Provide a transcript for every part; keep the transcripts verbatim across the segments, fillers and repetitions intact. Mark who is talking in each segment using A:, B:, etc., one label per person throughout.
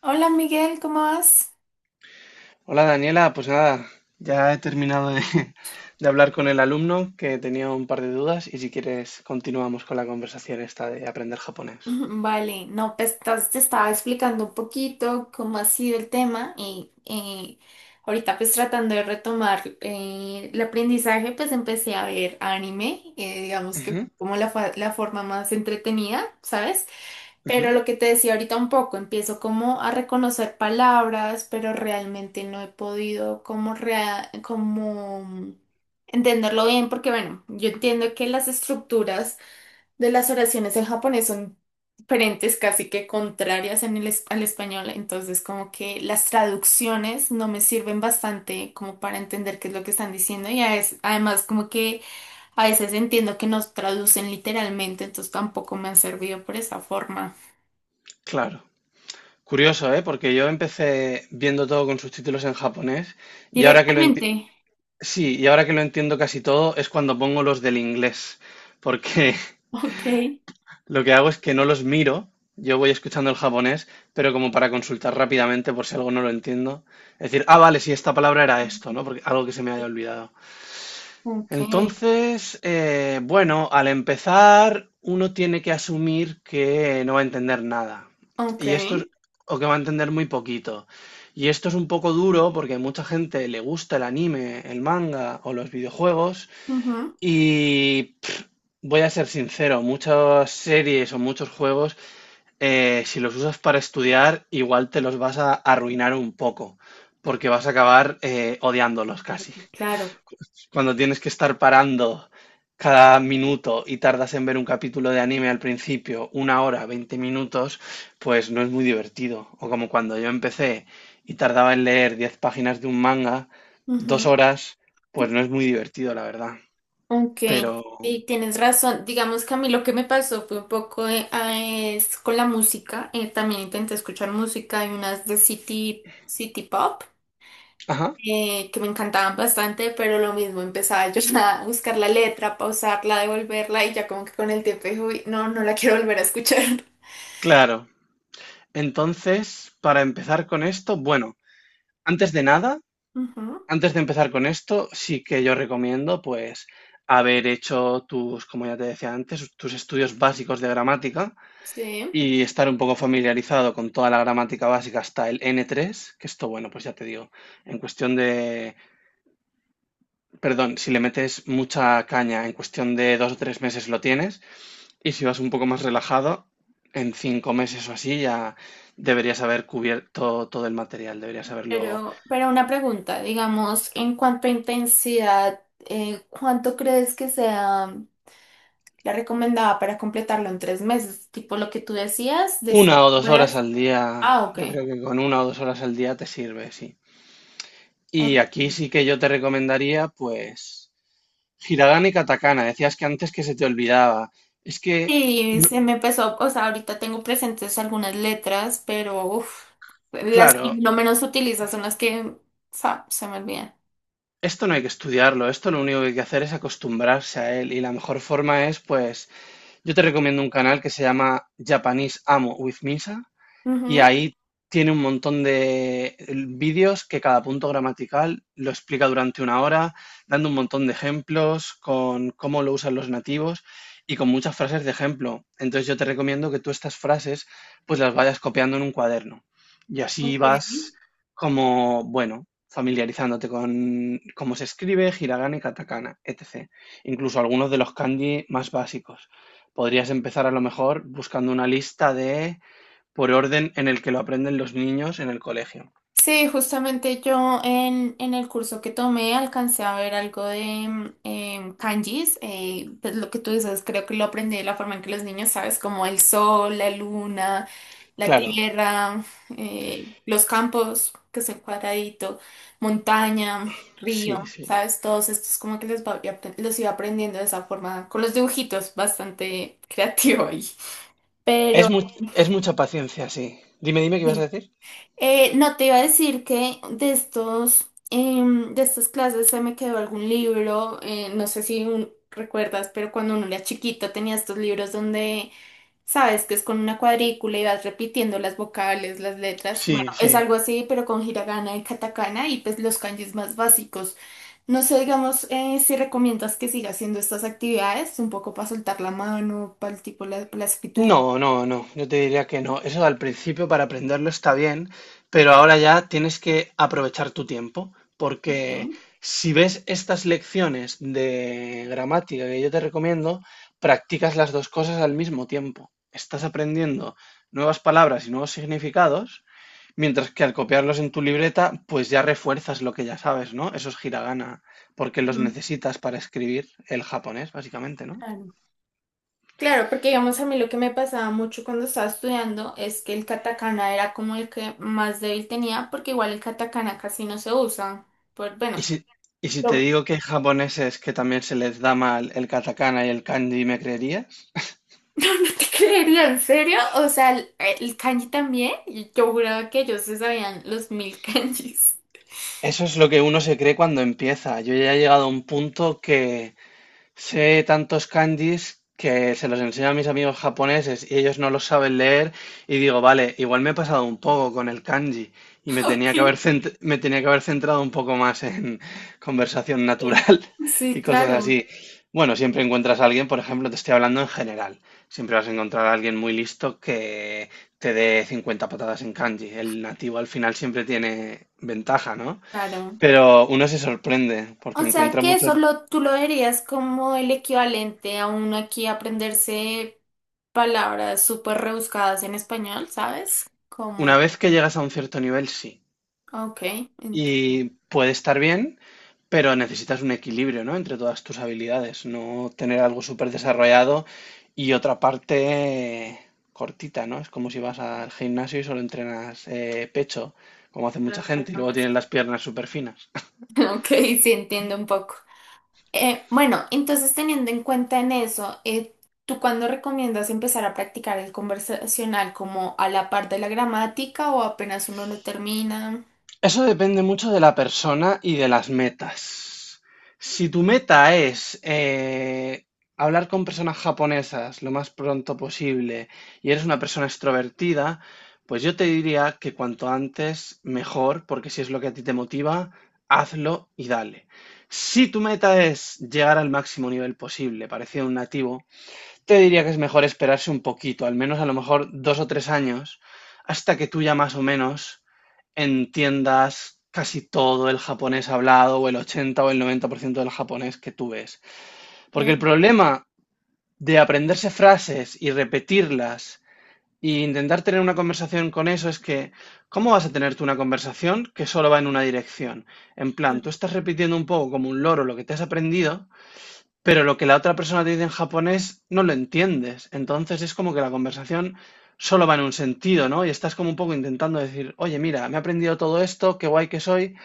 A: Hola Miguel, ¿cómo vas?
B: Hola Daniela, pues nada, ya he terminado de, de hablar con el alumno que tenía un par de dudas y si quieres continuamos con la conversación esta de aprender japonés.
A: Vale, no, pues estás- te estaba explicando un poquito cómo ha sido el tema y eh, ahorita pues tratando de retomar eh, el aprendizaje, pues empecé a ver anime, eh, digamos que
B: Ujú,
A: fue como la, fa- la forma más entretenida, ¿sabes? Pero
B: ujú,
A: lo que te decía ahorita un poco, empiezo como a reconocer palabras, pero realmente no he podido como, rea- como entenderlo bien, porque bueno, yo entiendo que las estructuras de las oraciones en japonés son diferentes, casi que contrarias en el, es- al español, entonces como que las traducciones no me sirven bastante como para entender qué es lo que están diciendo y a es- además como que a veces entiendo que nos traducen literalmente, entonces tampoco me han servido por esa forma.
B: claro. Curioso, ¿eh? Porque yo empecé viendo todo con subtítulos en japonés y ahora que lo
A: Directamente.
B: enti- sí, y ahora que lo entiendo casi todo es cuando pongo los del inglés, porque
A: Ok.
B: lo que hago es que no los miro, yo voy escuchando el japonés, pero como para consultar rápidamente por si algo no lo entiendo. Es decir, ah, vale, si esta palabra era esto, ¿no? Porque algo que se me haya olvidado.
A: Ok.
B: Entonces, eh, bueno, al empezar uno tiene que asumir que no va a entender nada.
A: Ok.
B: Y esto es, o que va a entender muy poquito. Y esto es un poco duro porque a mucha gente le gusta el anime, el manga o los videojuegos.
A: Ujú.
B: Y pff, voy a ser sincero, muchas series o muchos juegos eh, si los usas para estudiar, igual te los vas a arruinar un poco, porque vas a acabar eh, odiándolos casi.
A: Claro.
B: Cuando tienes que estar parando cada minuto y tardas en ver un capítulo de anime al principio, una hora, veinte minutos, pues no es muy divertido. O como cuando yo empecé y tardaba en leer diez páginas de un manga, dos horas, pues no es muy divertido, la verdad.
A: Ok,
B: Pero,
A: y tienes razón. Digamos que a mí lo que me pasó fue un poco eh, ah, es con la música. Eh, también intenté escuchar música, hay unas de City, City Pop
B: ajá,
A: eh, que me encantaban bastante, pero lo mismo empezaba yo a buscar la letra, pausarla, devolverla y ya como que con el tiempo dije: "Uy, no, no la quiero volver a escuchar".
B: claro. Entonces, para empezar con esto, bueno, antes de nada,
A: Ujú,
B: antes de empezar con esto, sí que yo recomiendo, pues, haber hecho tus, como ya te decía antes, tus estudios básicos de gramática
A: sí,
B: y estar un poco familiarizado con toda la gramática básica hasta el N tres, que esto, bueno, pues ya te digo, en cuestión de, perdón, si le metes mucha caña, en cuestión de dos o tres meses lo tienes, y si vas un poco más relajado, en cinco meses o así ya deberías haber cubierto todo el material, deberías haberlo.
A: pero, pero una pregunta, digamos, en cuanto a intensidad, eh, ¿cuánto crees que sea? La recomendaba para completarlo en tres meses, tipo lo que tú decías, de
B: Una
A: cinco
B: o dos horas
A: horas.
B: al día,
A: Ah, ok.
B: yo creo que con una o dos horas al día te sirve, sí. Y aquí
A: Ok.
B: sí que yo te recomendaría, pues, Hiragana y Katakana. Decías que antes que se te olvidaba. Es que,
A: Sí,
B: no-
A: se me empezó, o sea, ahorita tengo presentes algunas letras, pero uf, las que
B: claro,
A: lo menos utilizo son las que, o sea, se me olvidan.
B: esto no hay que estudiarlo, esto lo único que hay que hacer es acostumbrarse a él. Y la mejor forma es, pues, yo te recomiendo un canal que se llama Japanese Amo with Misa, y
A: Ujú,
B: ahí tiene un montón de vídeos que cada punto gramatical lo explica durante una hora, dando un montón de ejemplos con cómo lo usan los nativos y con muchas frases de ejemplo. Entonces yo te recomiendo que tú estas frases pues las vayas copiando en un cuaderno y así
A: ok.
B: vas como, bueno, familiarizándote con cómo se escribe, hiragana y katakana, etcétera. Incluso algunos de los kanji más básicos. Podrías empezar a lo mejor buscando una lista de por orden en el que lo aprenden los niños en el colegio.
A: Sí, justamente yo en, en el curso que tomé alcancé a ver algo de mm, em, kanjis, eh, pues lo que tú dices, creo que lo aprendí de la forma en que los niños, sabes, como el sol, la luna, la
B: Claro,
A: tierra, eh, los campos, que es el cuadradito, montaña,
B: sí,
A: río,
B: sí.
A: sabes, todos estos como que les va- los iba aprendiendo de esa forma, con los dibujitos, bastante creativo ahí. Pero...
B: Es mu- es mucha paciencia, sí. Dime, dime, ¿qué ibas
A: sí.
B: a decir?
A: Eh, no te iba a decir que de estos, em, de estas clases se me quedó algún libro, eh, no sé si un- recuerdas, pero cuando uno era chiquito tenía estos libros donde sabes que es con una cuadrícula y vas repitiendo las vocales, las letras. Bueno,
B: Sí,
A: es
B: sí.
A: algo así, pero con hiragana y katakana y pues los kanjis más básicos. No sé, digamos, eh, si recomiendas que siga haciendo estas actividades, un poco para soltar la mano, para el tipo la, la escritura.
B: No, no, no, yo te diría que no. Eso al principio para aprenderlo está bien, pero ahora ya tienes que aprovechar tu tiempo, porque
A: ¿Ok?
B: si ves estas lecciones de gramática que yo te recomiendo, practicas las dos cosas al mismo tiempo. Estás aprendiendo nuevas palabras y nuevos significados. Mientras que al copiarlos en tu libreta, pues ya refuerzas lo que ya sabes, ¿no? Esos hiragana, porque los
A: Ujú,
B: necesitas para escribir el japonés, básicamente, ¿no?
A: claro. Claro, porque digamos a mí lo que me pasaba mucho cuando estaba estudiando es que el katakana era como el que más débil tenía, porque igual el katakana casi no se usa. Por,
B: Y
A: bueno,
B: si, y si te
A: no.
B: digo que hay japoneses que también se les da mal el katakana y el kanji, ¿me creerías?
A: No, no te creería, ¿en serio? O sea, el, el kanji también. y Yo juraba que ellos se sabían los mil kanjis.
B: Eso es lo que uno se cree cuando empieza. Yo ya he llegado a un punto que sé tantos kanjis que se los enseño a mis amigos japoneses y ellos no los saben leer y digo, vale, igual me he pasado un poco con el kanji y me
A: Ok.
B: tenía que haber cent- me tenía que haber centrado un poco más en conversación natural
A: Sí,
B: y cosas
A: claro,
B: así. Bueno, siempre encuentras a alguien, por ejemplo, te estoy hablando en general, siempre vas a encontrar a alguien muy listo que te dé cincuenta patadas en kanji. El nativo al final siempre tiene ventaja, ¿no?
A: claro.
B: Pero uno se sorprende
A: O
B: porque
A: sea
B: encuentra
A: que eso
B: muchos.
A: lo, tú lo verías como el equivalente a uno aquí aprenderse palabras súper rebuscadas en español, ¿sabes? Como...
B: Una vez que llegas a un cierto nivel, sí.
A: Ok, entiendo.
B: Y puede estar bien, pero necesitas un equilibrio, ¿no? Entre todas tus habilidades, no tener algo súper desarrollado y otra parte eh, cortita, ¿no? Es como si vas al gimnasio y solo entrenas eh, pecho, como hace mucha
A: Claro,
B: gente, y
A: faltan
B: luego tienes
A: brazos.
B: las piernas súper finas.
A: Ok, sí, entiendo un poco. Eh, bueno, entonces teniendo en cuenta en eso, eh, ¿tú cuándo recomiendas empezar a practicar el conversacional? ¿Como a la par de la gramática o apenas uno lo termina?
B: Eso depende mucho de la persona y de las metas. Si tu meta es eh, hablar con personas japonesas lo más pronto posible y eres una persona extrovertida, pues yo te diría que cuanto antes mejor, porque si es lo que a ti te motiva, hazlo y dale. Si tu meta es llegar al máximo nivel posible, parecido a un nativo, te diría que es mejor esperarse un poquito, al menos a lo mejor dos o tres años, hasta que tú ya más o menos entiendas casi todo el japonés hablado o el ochenta o el noventa por ciento del japonés que tú ves. Porque el
A: Okay,
B: problema de aprenderse frases y repetirlas e intentar tener una conversación con eso es que, ¿cómo vas a tener tú una conversación que solo va en una dirección? En plan, tú estás repitiendo un poco como un loro lo que te has aprendido, pero lo que la otra persona te dice en japonés no lo entiendes. Entonces es como que la conversación solo va en un sentido, ¿no? Y estás como un poco intentando decir, oye, mira, me he aprendido todo esto, qué guay que soy,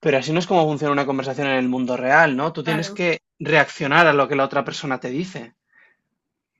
B: pero así no es como funciona una conversación en el mundo real, ¿no? Tú tienes
A: claro.
B: que reaccionar a lo que la otra persona te dice.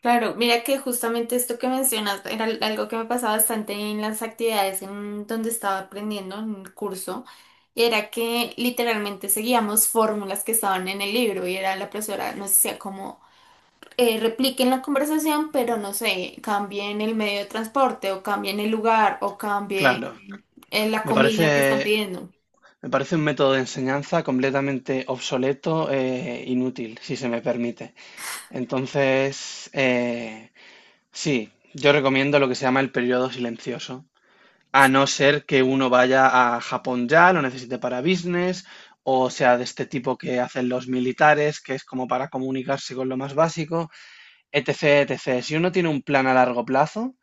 A: Claro, mira que justamente esto que mencionas era al- algo que me pasaba bastante en las actividades en donde estaba aprendiendo en el curso, y era que literalmente seguíamos fórmulas que estaban en el libro y era la profesora, nos decía como eh, repliquen la conversación, pero no sé, cambien el medio de transporte o cambien el lugar o cambien
B: Claro,
A: eh, la
B: me
A: comida que están
B: parece,
A: pidiendo.
B: me parece un método de enseñanza completamente obsoleto e inútil, si se me permite. Entonces, eh, sí, yo recomiendo lo que se llama el periodo silencioso, a no ser que uno vaya a Japón ya, lo necesite para business, o sea, de este tipo que hacen los militares, que es como para comunicarse con lo más básico, etc, etcétera. Si uno tiene un plan a largo plazo,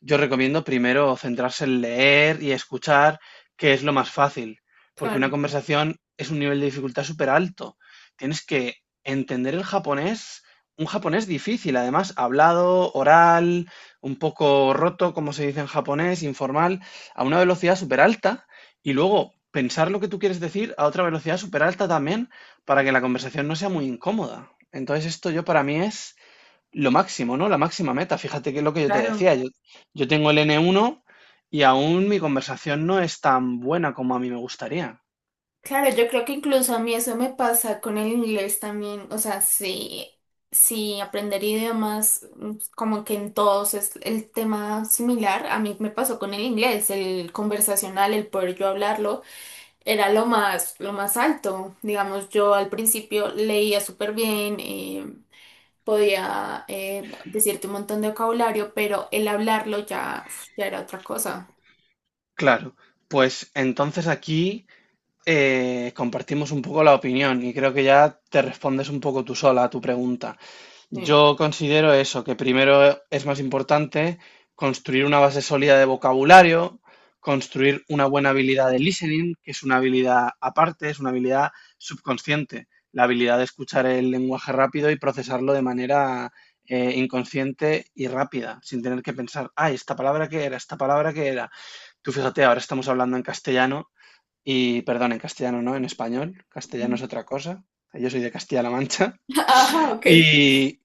B: yo recomiendo primero centrarse en leer y escuchar, que es lo más fácil, porque una
A: Claro.
B: conversación es un nivel de dificultad súper alto. Tienes que entender el japonés, un japonés difícil, además, hablado, oral, un poco roto, como se dice en japonés, informal, a una velocidad súper alta, y luego pensar lo que tú quieres decir a otra velocidad súper alta también, para que la conversación no sea muy incómoda. Entonces, esto yo para mí es lo máximo, ¿no? La máxima meta. Fíjate que es lo que yo te
A: Claro.
B: decía. Yo, yo tengo el N uno y aún mi conversación no es tan buena como a mí me gustaría.
A: Claro, yo creo que incluso a mí eso me pasa con el inglés también, o sea, sí, sí, aprender idiomas, mm, como que en todos es el tema similar, a mí me pasó con el inglés, el conversacional, el poder yo hablarlo, era lo más, lo más alto, digamos, yo al principio leía súper bien, eh, podía eh, decirte un montón de vocabulario, pero el hablarlo ya, uf, ya era otra cosa.
B: Claro, pues entonces aquí eh, compartimos un poco la opinión y creo que ya te respondes un poco tú sola a tu pregunta.
A: Sí.
B: Yo considero eso, que primero es más importante construir una base sólida de vocabulario, construir una buena habilidad de listening, que es una habilidad aparte, es una habilidad subconsciente, la habilidad de escuchar el lenguaje rápido y procesarlo de manera eh, inconsciente y rápida, sin tener que pensar, ay, esta palabra qué era, esta palabra qué era. Tú fíjate, ahora estamos hablando en castellano y, perdón, en castellano no, en español, castellano es
A: Ujú.
B: otra cosa. Yo soy de Castilla-La Mancha
A: Ajá, ok.
B: y,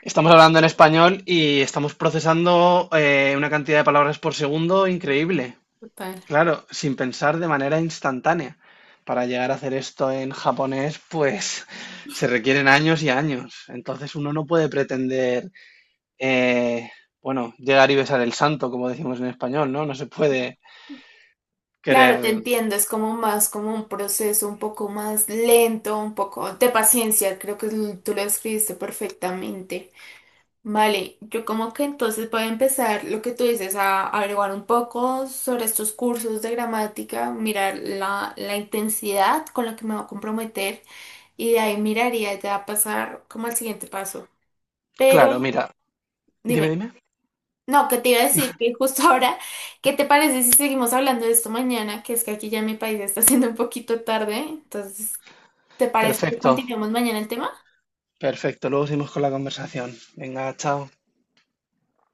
B: estamos hablando en español y estamos procesando eh, una cantidad de palabras por segundo increíble.
A: Total.
B: Claro, sin pensar de manera instantánea. Para llegar a hacer esto en japonés, pues se requieren años y años. Entonces uno no puede pretender, eh, bueno, llegar y besar el santo, como decimos en español, ¿no? No se puede
A: Claro, te
B: querer...
A: entiendo, es como más como un proceso un poco más lento, un poco de paciencia, creo que l- tú lo describiste perfectamente. Vale, yo como que entonces voy a empezar lo que tú dices, a averiguar un poco sobre estos cursos de gramática, mirar la, la intensidad con la que me voy a comprometer y de ahí miraría ya pasar como al siguiente paso.
B: Claro,
A: Pero
B: mira,
A: dime,
B: dime, dime.
A: no, que te iba a decir que justo ahora, ¿qué te parece si seguimos hablando de esto mañana? Que es que aquí ya en mi país está siendo un poquito tarde, entonces, ¿te parece que
B: Perfecto,
A: continuemos mañana el tema?
B: perfecto. Luego seguimos con la conversación. Venga, chao.